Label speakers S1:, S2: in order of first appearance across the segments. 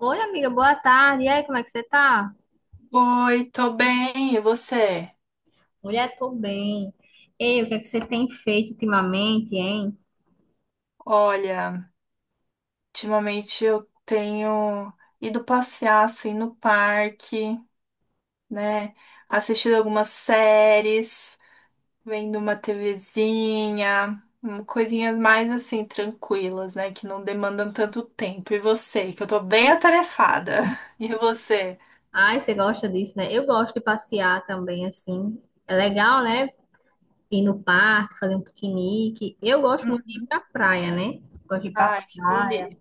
S1: Oi, amiga, boa tarde. E aí, como é que você tá?
S2: Oi, tô bem, e você?
S1: Mulher, tô bem. Ei, o que é que você tem feito ultimamente, hein?
S2: Olha, ultimamente eu tenho ido passear assim no parque, né? Assistido algumas séries, vendo uma TVzinha, coisinhas mais assim tranquilas, né? Que não demandam tanto tempo. E você? Que eu tô bem atarefada. E você?
S1: Ai, você gosta disso, né? Eu gosto de passear também, assim. É legal, né? Ir no parque, fazer um piquenique. Eu gosto muito de ir
S2: Hum.
S1: pra praia, né? Gosto de ir pra
S2: Ai, que
S1: praia.
S2: delícia.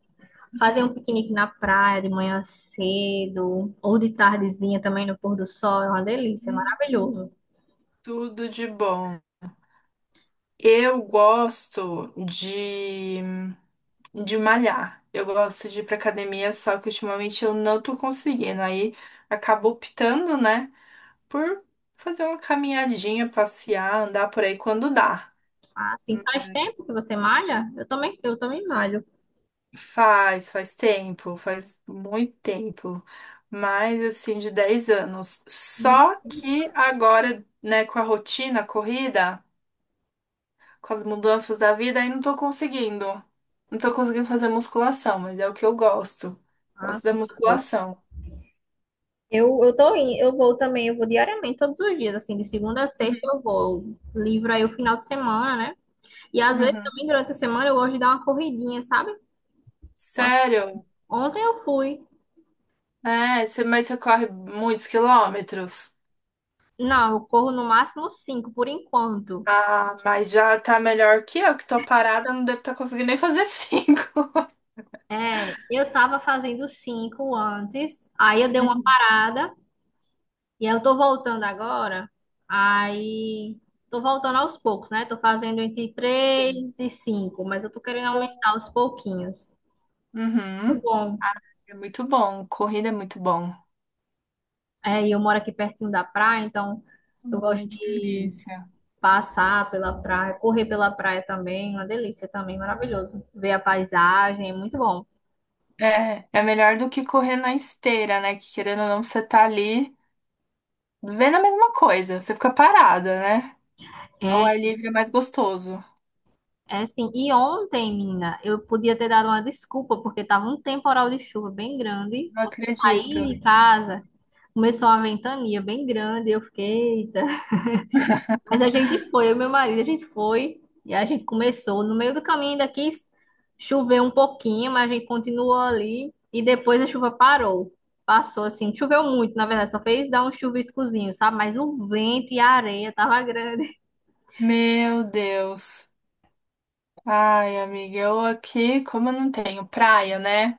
S1: Fazer um piquenique na praia de manhã cedo, ou de tardezinha também no pôr do sol, é uma delícia, é
S2: Hum,
S1: maravilhoso.
S2: Tudo de bom. Eu gosto de malhar. Eu gosto de ir pra academia, só que ultimamente eu não tô conseguindo. Aí acabo optando, né, por fazer uma caminhadinha, passear, andar por aí quando dá.
S1: Ah, assim, faz tempo que você malha? Eu também malho.
S2: Faz tempo, faz muito tempo. Mais assim, de 10 anos. Só que agora, né, com a rotina, a corrida, com as mudanças da vida, aí não tô conseguindo. Não tô conseguindo fazer musculação, mas é o que eu gosto.
S1: Ah.
S2: Gosto da musculação.
S1: Eu vou também, eu vou diariamente, todos os dias, assim, de segunda a sexta eu vou. Livro aí o final de semana, né? E às vezes
S2: Uhum.
S1: também durante a semana eu gosto de dar uma corridinha, sabe?
S2: Sério?
S1: Ontem eu fui.
S2: É, você, mas você corre muitos quilômetros.
S1: Não, eu corro no máximo cinco por enquanto.
S2: Ah, mas já tá melhor que eu, que tô parada, não devo estar conseguindo nem fazer cinco.
S1: É, eu tava fazendo cinco antes, aí eu dei uma
S2: Uhum.
S1: parada e eu tô voltando agora. Aí tô voltando aos poucos, né? Tô fazendo entre
S2: Sim.
S1: três e cinco, mas eu tô querendo aumentar aos pouquinhos. Muito
S2: Uhum.
S1: bom.
S2: É muito bom. Corrida é muito bom.
S1: É, e eu moro aqui pertinho da praia, então eu gosto
S2: Ai, que
S1: de
S2: delícia.
S1: passar pela praia, correr pela praia também, uma delícia também, maravilhoso. Ver a paisagem, é muito bom.
S2: É, é melhor do que correr na esteira, né? Que querendo ou não, você tá ali vendo a mesma coisa. Você fica parada, né? Ao
S1: É,
S2: ar livre é mais gostoso.
S1: é, assim, e ontem, menina, eu podia ter dado uma desculpa, porque tava um temporal de chuva bem grande.
S2: Não
S1: Quando eu
S2: acredito.
S1: saí de casa, começou uma ventania bem grande, eu fiquei, eita. Mas a gente foi, eu e meu marido, a gente foi e a gente começou. No meio do caminho ainda quis chover um pouquinho, mas a gente continuou ali e depois a chuva parou. Passou assim, choveu muito, na verdade, só fez dar um chuviscozinho, sabe? Mas o vento e a areia tava grande.
S2: Meu Deus. Ai, amiga, eu aqui, como eu não tenho praia, né?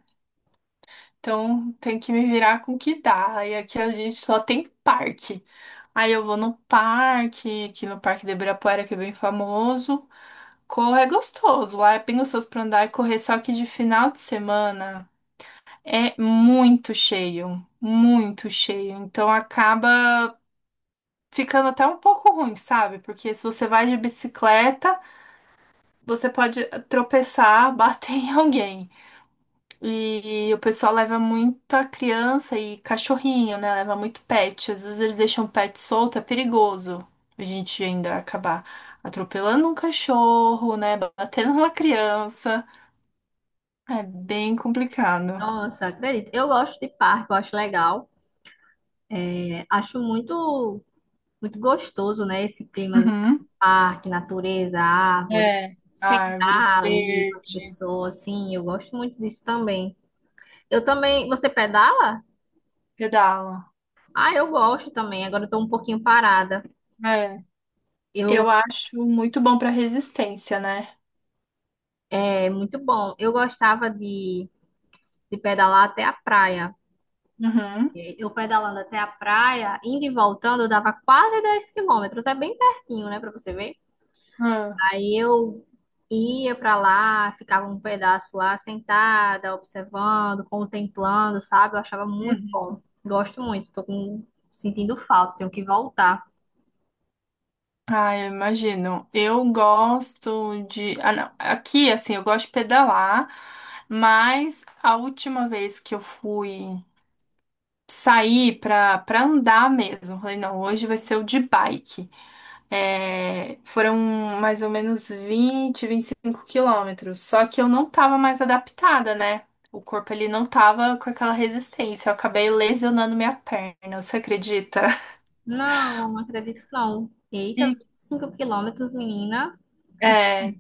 S2: Então tem que me virar com o que dá. E aqui a gente só tem parque. Aí eu vou no parque, aqui no Parque de Ibirapuera, que é bem famoso. Correr é gostoso, lá é bem gostoso pra andar e correr, só que de final de semana é muito cheio, muito cheio. Então acaba ficando até um pouco ruim, sabe? Porque se você vai de bicicleta, você pode tropeçar, bater em alguém. E o pessoal leva muita criança e cachorrinho, né? Leva muito pet. Às vezes eles deixam o pet solto, é perigoso. A gente ainda acabar atropelando um cachorro, né? Batendo uma criança. É bem complicado.
S1: Nossa, acredito. Eu gosto de parque, eu acho legal. É, acho muito, muito gostoso, né? Esse clima,
S2: Uhum.
S1: parque, natureza, árvore.
S2: É, árvore
S1: Sentar ali com as
S2: verde,
S1: pessoas, assim, eu gosto muito disso também. Eu também. Você pedala?
S2: pedala.
S1: Ah, eu gosto também. Agora eu tô um pouquinho parada.
S2: É.
S1: Eu,
S2: Eu acho muito bom pra resistência, né?
S1: é muito bom. Eu gostava de pedalar até a praia.
S2: Uhum.
S1: Eu pedalando até a praia, indo e voltando, dava quase 10 quilômetros. É bem pertinho, né, pra você ver.
S2: Ah.
S1: Aí eu ia pra lá, ficava um pedaço lá, sentada, observando, contemplando, sabe? Eu achava muito bom. Gosto muito. Tô com, sentindo falta, tenho que voltar.
S2: Ah, eu imagino. Eu gosto de. Ah, não. Aqui, assim, eu gosto de pedalar, mas a última vez que eu fui sair pra andar mesmo, eu falei, não, hoje vai ser o de bike. É, foram mais ou menos 20, 25 quilômetros. Só que eu não tava mais adaptada, né? O corpo ele não tava com aquela resistência. Eu acabei lesionando minha perna, você acredita?
S1: Não, não acredito não. Eita, vinte
S2: E.
S1: e cinco quilômetros, menina. É.
S2: É,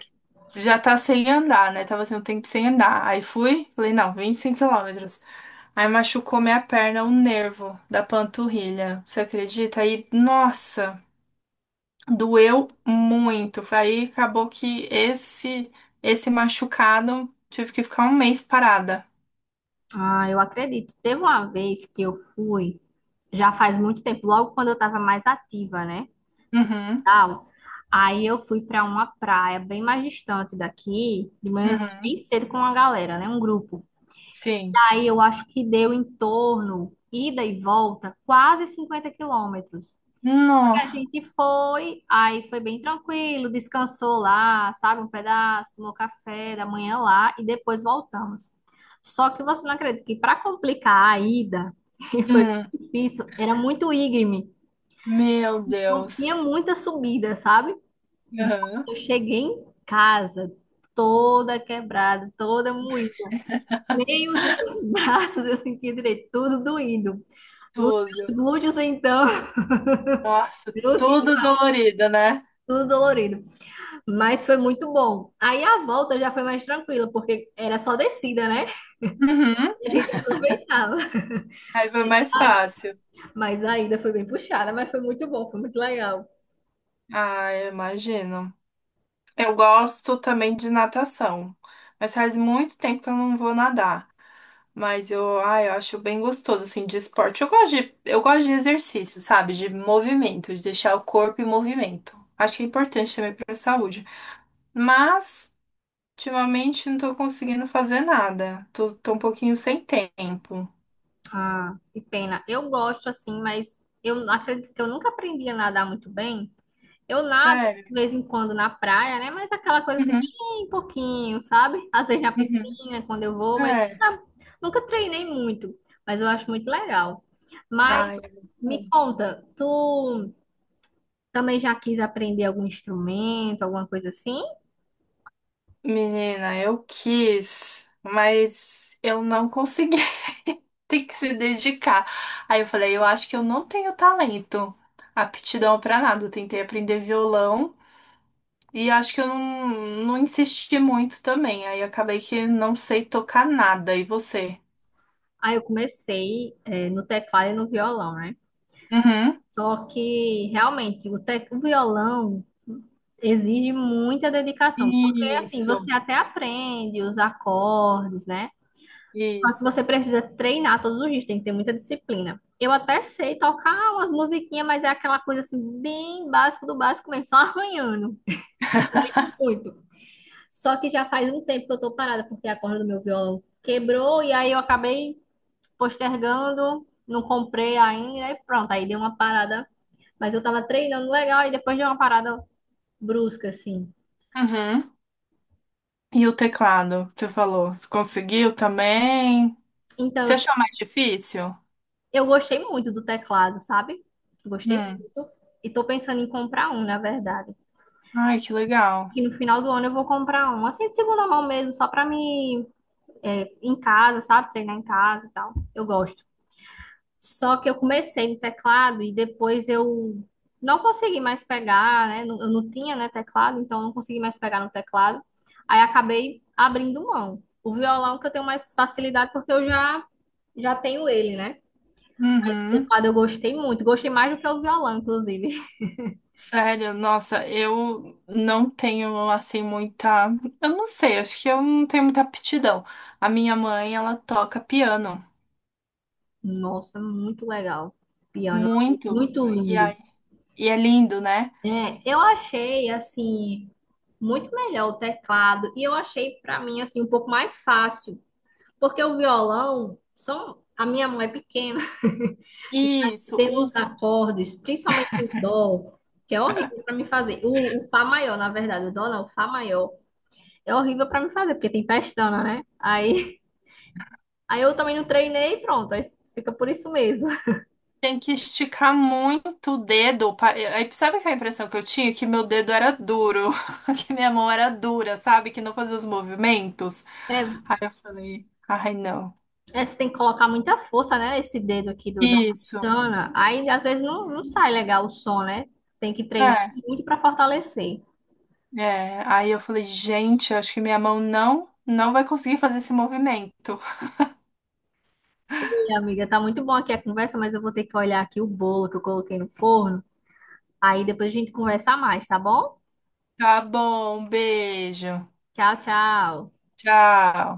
S2: já tá sem andar, né? Tava assim, um tempo sem andar. Aí fui, falei, não, 25 quilômetros. Aí machucou minha perna, um nervo da panturrilha. Você acredita? Aí, nossa, doeu muito. Aí acabou que esse machucado tive que ficar 1 mês parada.
S1: Ah, eu acredito. Teve uma vez que eu fui, já faz muito tempo, logo quando eu estava mais ativa, né?
S2: Uhum,
S1: Tal. Aí eu fui para uma praia bem mais distante daqui, de manhã bem
S2: uhum,
S1: cedo com uma galera, né? Um grupo.
S2: sim.
S1: Aí eu acho que deu em torno, ida e volta, quase 50 quilômetros.
S2: No,
S1: A gente foi, aí foi bem tranquilo, descansou lá, sabe, um pedaço, tomou café da manhã lá e depois voltamos. Só que você não acredita que para complicar a ida, que foi
S2: hum,
S1: difícil, era muito íngreme,
S2: meu
S1: não
S2: Deus.
S1: tinha muita subida, sabe? Nossa,
S2: Uhum,
S1: eu cheguei em casa toda quebrada, toda moída. Nem os meus braços eu sentia direito, tudo doído. Os
S2: tudo.
S1: meus glúteos, então,
S2: Nossa,
S1: eu tinha
S2: tudo dolorido, né?
S1: tudo dolorido. Mas foi muito bom. Aí a volta já foi mais tranquila, porque era só descida, né?
S2: Uhum.
S1: A gente aproveitava.
S2: Aí foi mais
S1: Ai,
S2: fácil.
S1: mas a ida foi bem puxada, mas foi muito bom, foi muito legal.
S2: Ah, eu imagino. Eu gosto também de natação, mas faz muito tempo que eu não vou nadar. Mas eu, ah, eu acho bem gostoso assim de esporte. Eu gosto de exercício, sabe? De movimento, de deixar o corpo em movimento. Acho que é importante também para a saúde. Mas ultimamente não tô conseguindo fazer nada. Tô um pouquinho sem tempo.
S1: Ah, que pena. Eu gosto assim, mas eu acredito que eu nunca aprendi a nadar muito bem. Eu nado assim, de
S2: Sério.
S1: vez em quando na praia, né? Mas aquela coisa assim,
S2: Uhum,
S1: bem pouquinho, sabe? Às vezes na
S2: uhum.
S1: piscina, quando eu vou, mas
S2: É.
S1: nunca nunca treinei muito. Mas eu acho muito legal. Mas
S2: Ai, é.
S1: me conta, tu. Também já quis aprender algum instrumento, alguma coisa assim.
S2: Menina, eu quis, mas eu não consegui. Tem que se dedicar. Aí eu falei, eu acho que eu não tenho talento, aptidão pra nada. Eu tentei aprender violão e acho que eu não, não insisti muito também. Aí acabei que não sei tocar nada. E você?
S1: Aí eu comecei, é, no teclado e no violão, né?
S2: Uhum.
S1: Só que realmente o violão exige muita dedicação, porque assim
S2: Isso,
S1: você até aprende os acordes, né? Só que
S2: isso.
S1: você precisa treinar todos os dias, tem que ter muita disciplina. Eu até sei tocar umas musiquinhas, mas é aquela coisa assim, bem básico do básico mesmo, só arranhando muito. Só que já faz um tempo que eu tô parada, porque a corda do meu violão quebrou e aí eu acabei postergando, não comprei ainda e pronto, aí deu uma parada. Mas eu tava treinando legal e depois deu uma parada brusca, assim.
S2: Uhum. E o teclado que você falou? Você conseguiu também?
S1: Então,
S2: Você
S1: eu
S2: achou mais difícil?
S1: eu gostei muito do teclado, sabe? Gostei
S2: Hum.
S1: muito. E tô pensando em comprar um, na verdade.
S2: Ai, que legal.
S1: E no final do ano eu vou comprar um, assim, de segunda mão mesmo, só pra me, é, em casa, sabe? Treinar em casa e tal. Eu gosto. Só que eu comecei no teclado e depois eu não consegui mais pegar, né? Eu não tinha, né, teclado, então eu não consegui mais pegar no teclado. Aí acabei abrindo mão. O violão que eu tenho mais facilidade porque eu já tenho ele, né? Mas o
S2: Uhum.
S1: teclado eu gostei muito, gostei mais do que o violão, inclusive.
S2: Sério, nossa, eu não tenho assim muita. Eu não sei, acho que eu não tenho muita aptidão. A minha mãe, ela toca piano
S1: Nossa, muito legal. Piano,
S2: muito,
S1: muito
S2: e, aí-
S1: lindo.
S2: e é lindo, né?
S1: É, eu achei assim muito melhor o teclado e eu achei pra mim assim um pouco mais fácil. Porque o violão são. A minha mão é pequena, e
S2: Isso,
S1: tem uns
S2: os...
S1: acordes, principalmente o dó, que é horrível para me fazer. O fá maior, na verdade, o dó não, o fá maior é horrível para me fazer, porque tem pestana, né? Aí, aí eu também não treinei e pronto, aí fica por isso mesmo.
S2: tem que esticar muito o dedo. Pa- Aí sabe que a impressão que eu tinha? Que meu dedo era duro, que minha mão era dura, sabe? Que não fazia os movimentos.
S1: É,
S2: Aí eu falei, ai não.
S1: você tem que colocar muita força, né? Esse dedo aqui do, da
S2: Isso.
S1: pestana. Aí às vezes não, não sai legal o som, né? Tem que treinar
S2: é.
S1: muito para fortalecer.
S2: É, aí eu falei, gente, eu acho que minha mão não, não vai conseguir fazer esse movimento.
S1: E, amiga, tá muito bom aqui a conversa, mas eu vou ter que olhar aqui o bolo que eu coloquei no forno. Aí depois a gente conversa mais, tá bom?
S2: Tá bom, beijo.
S1: Tchau, tchau.
S2: Tchau.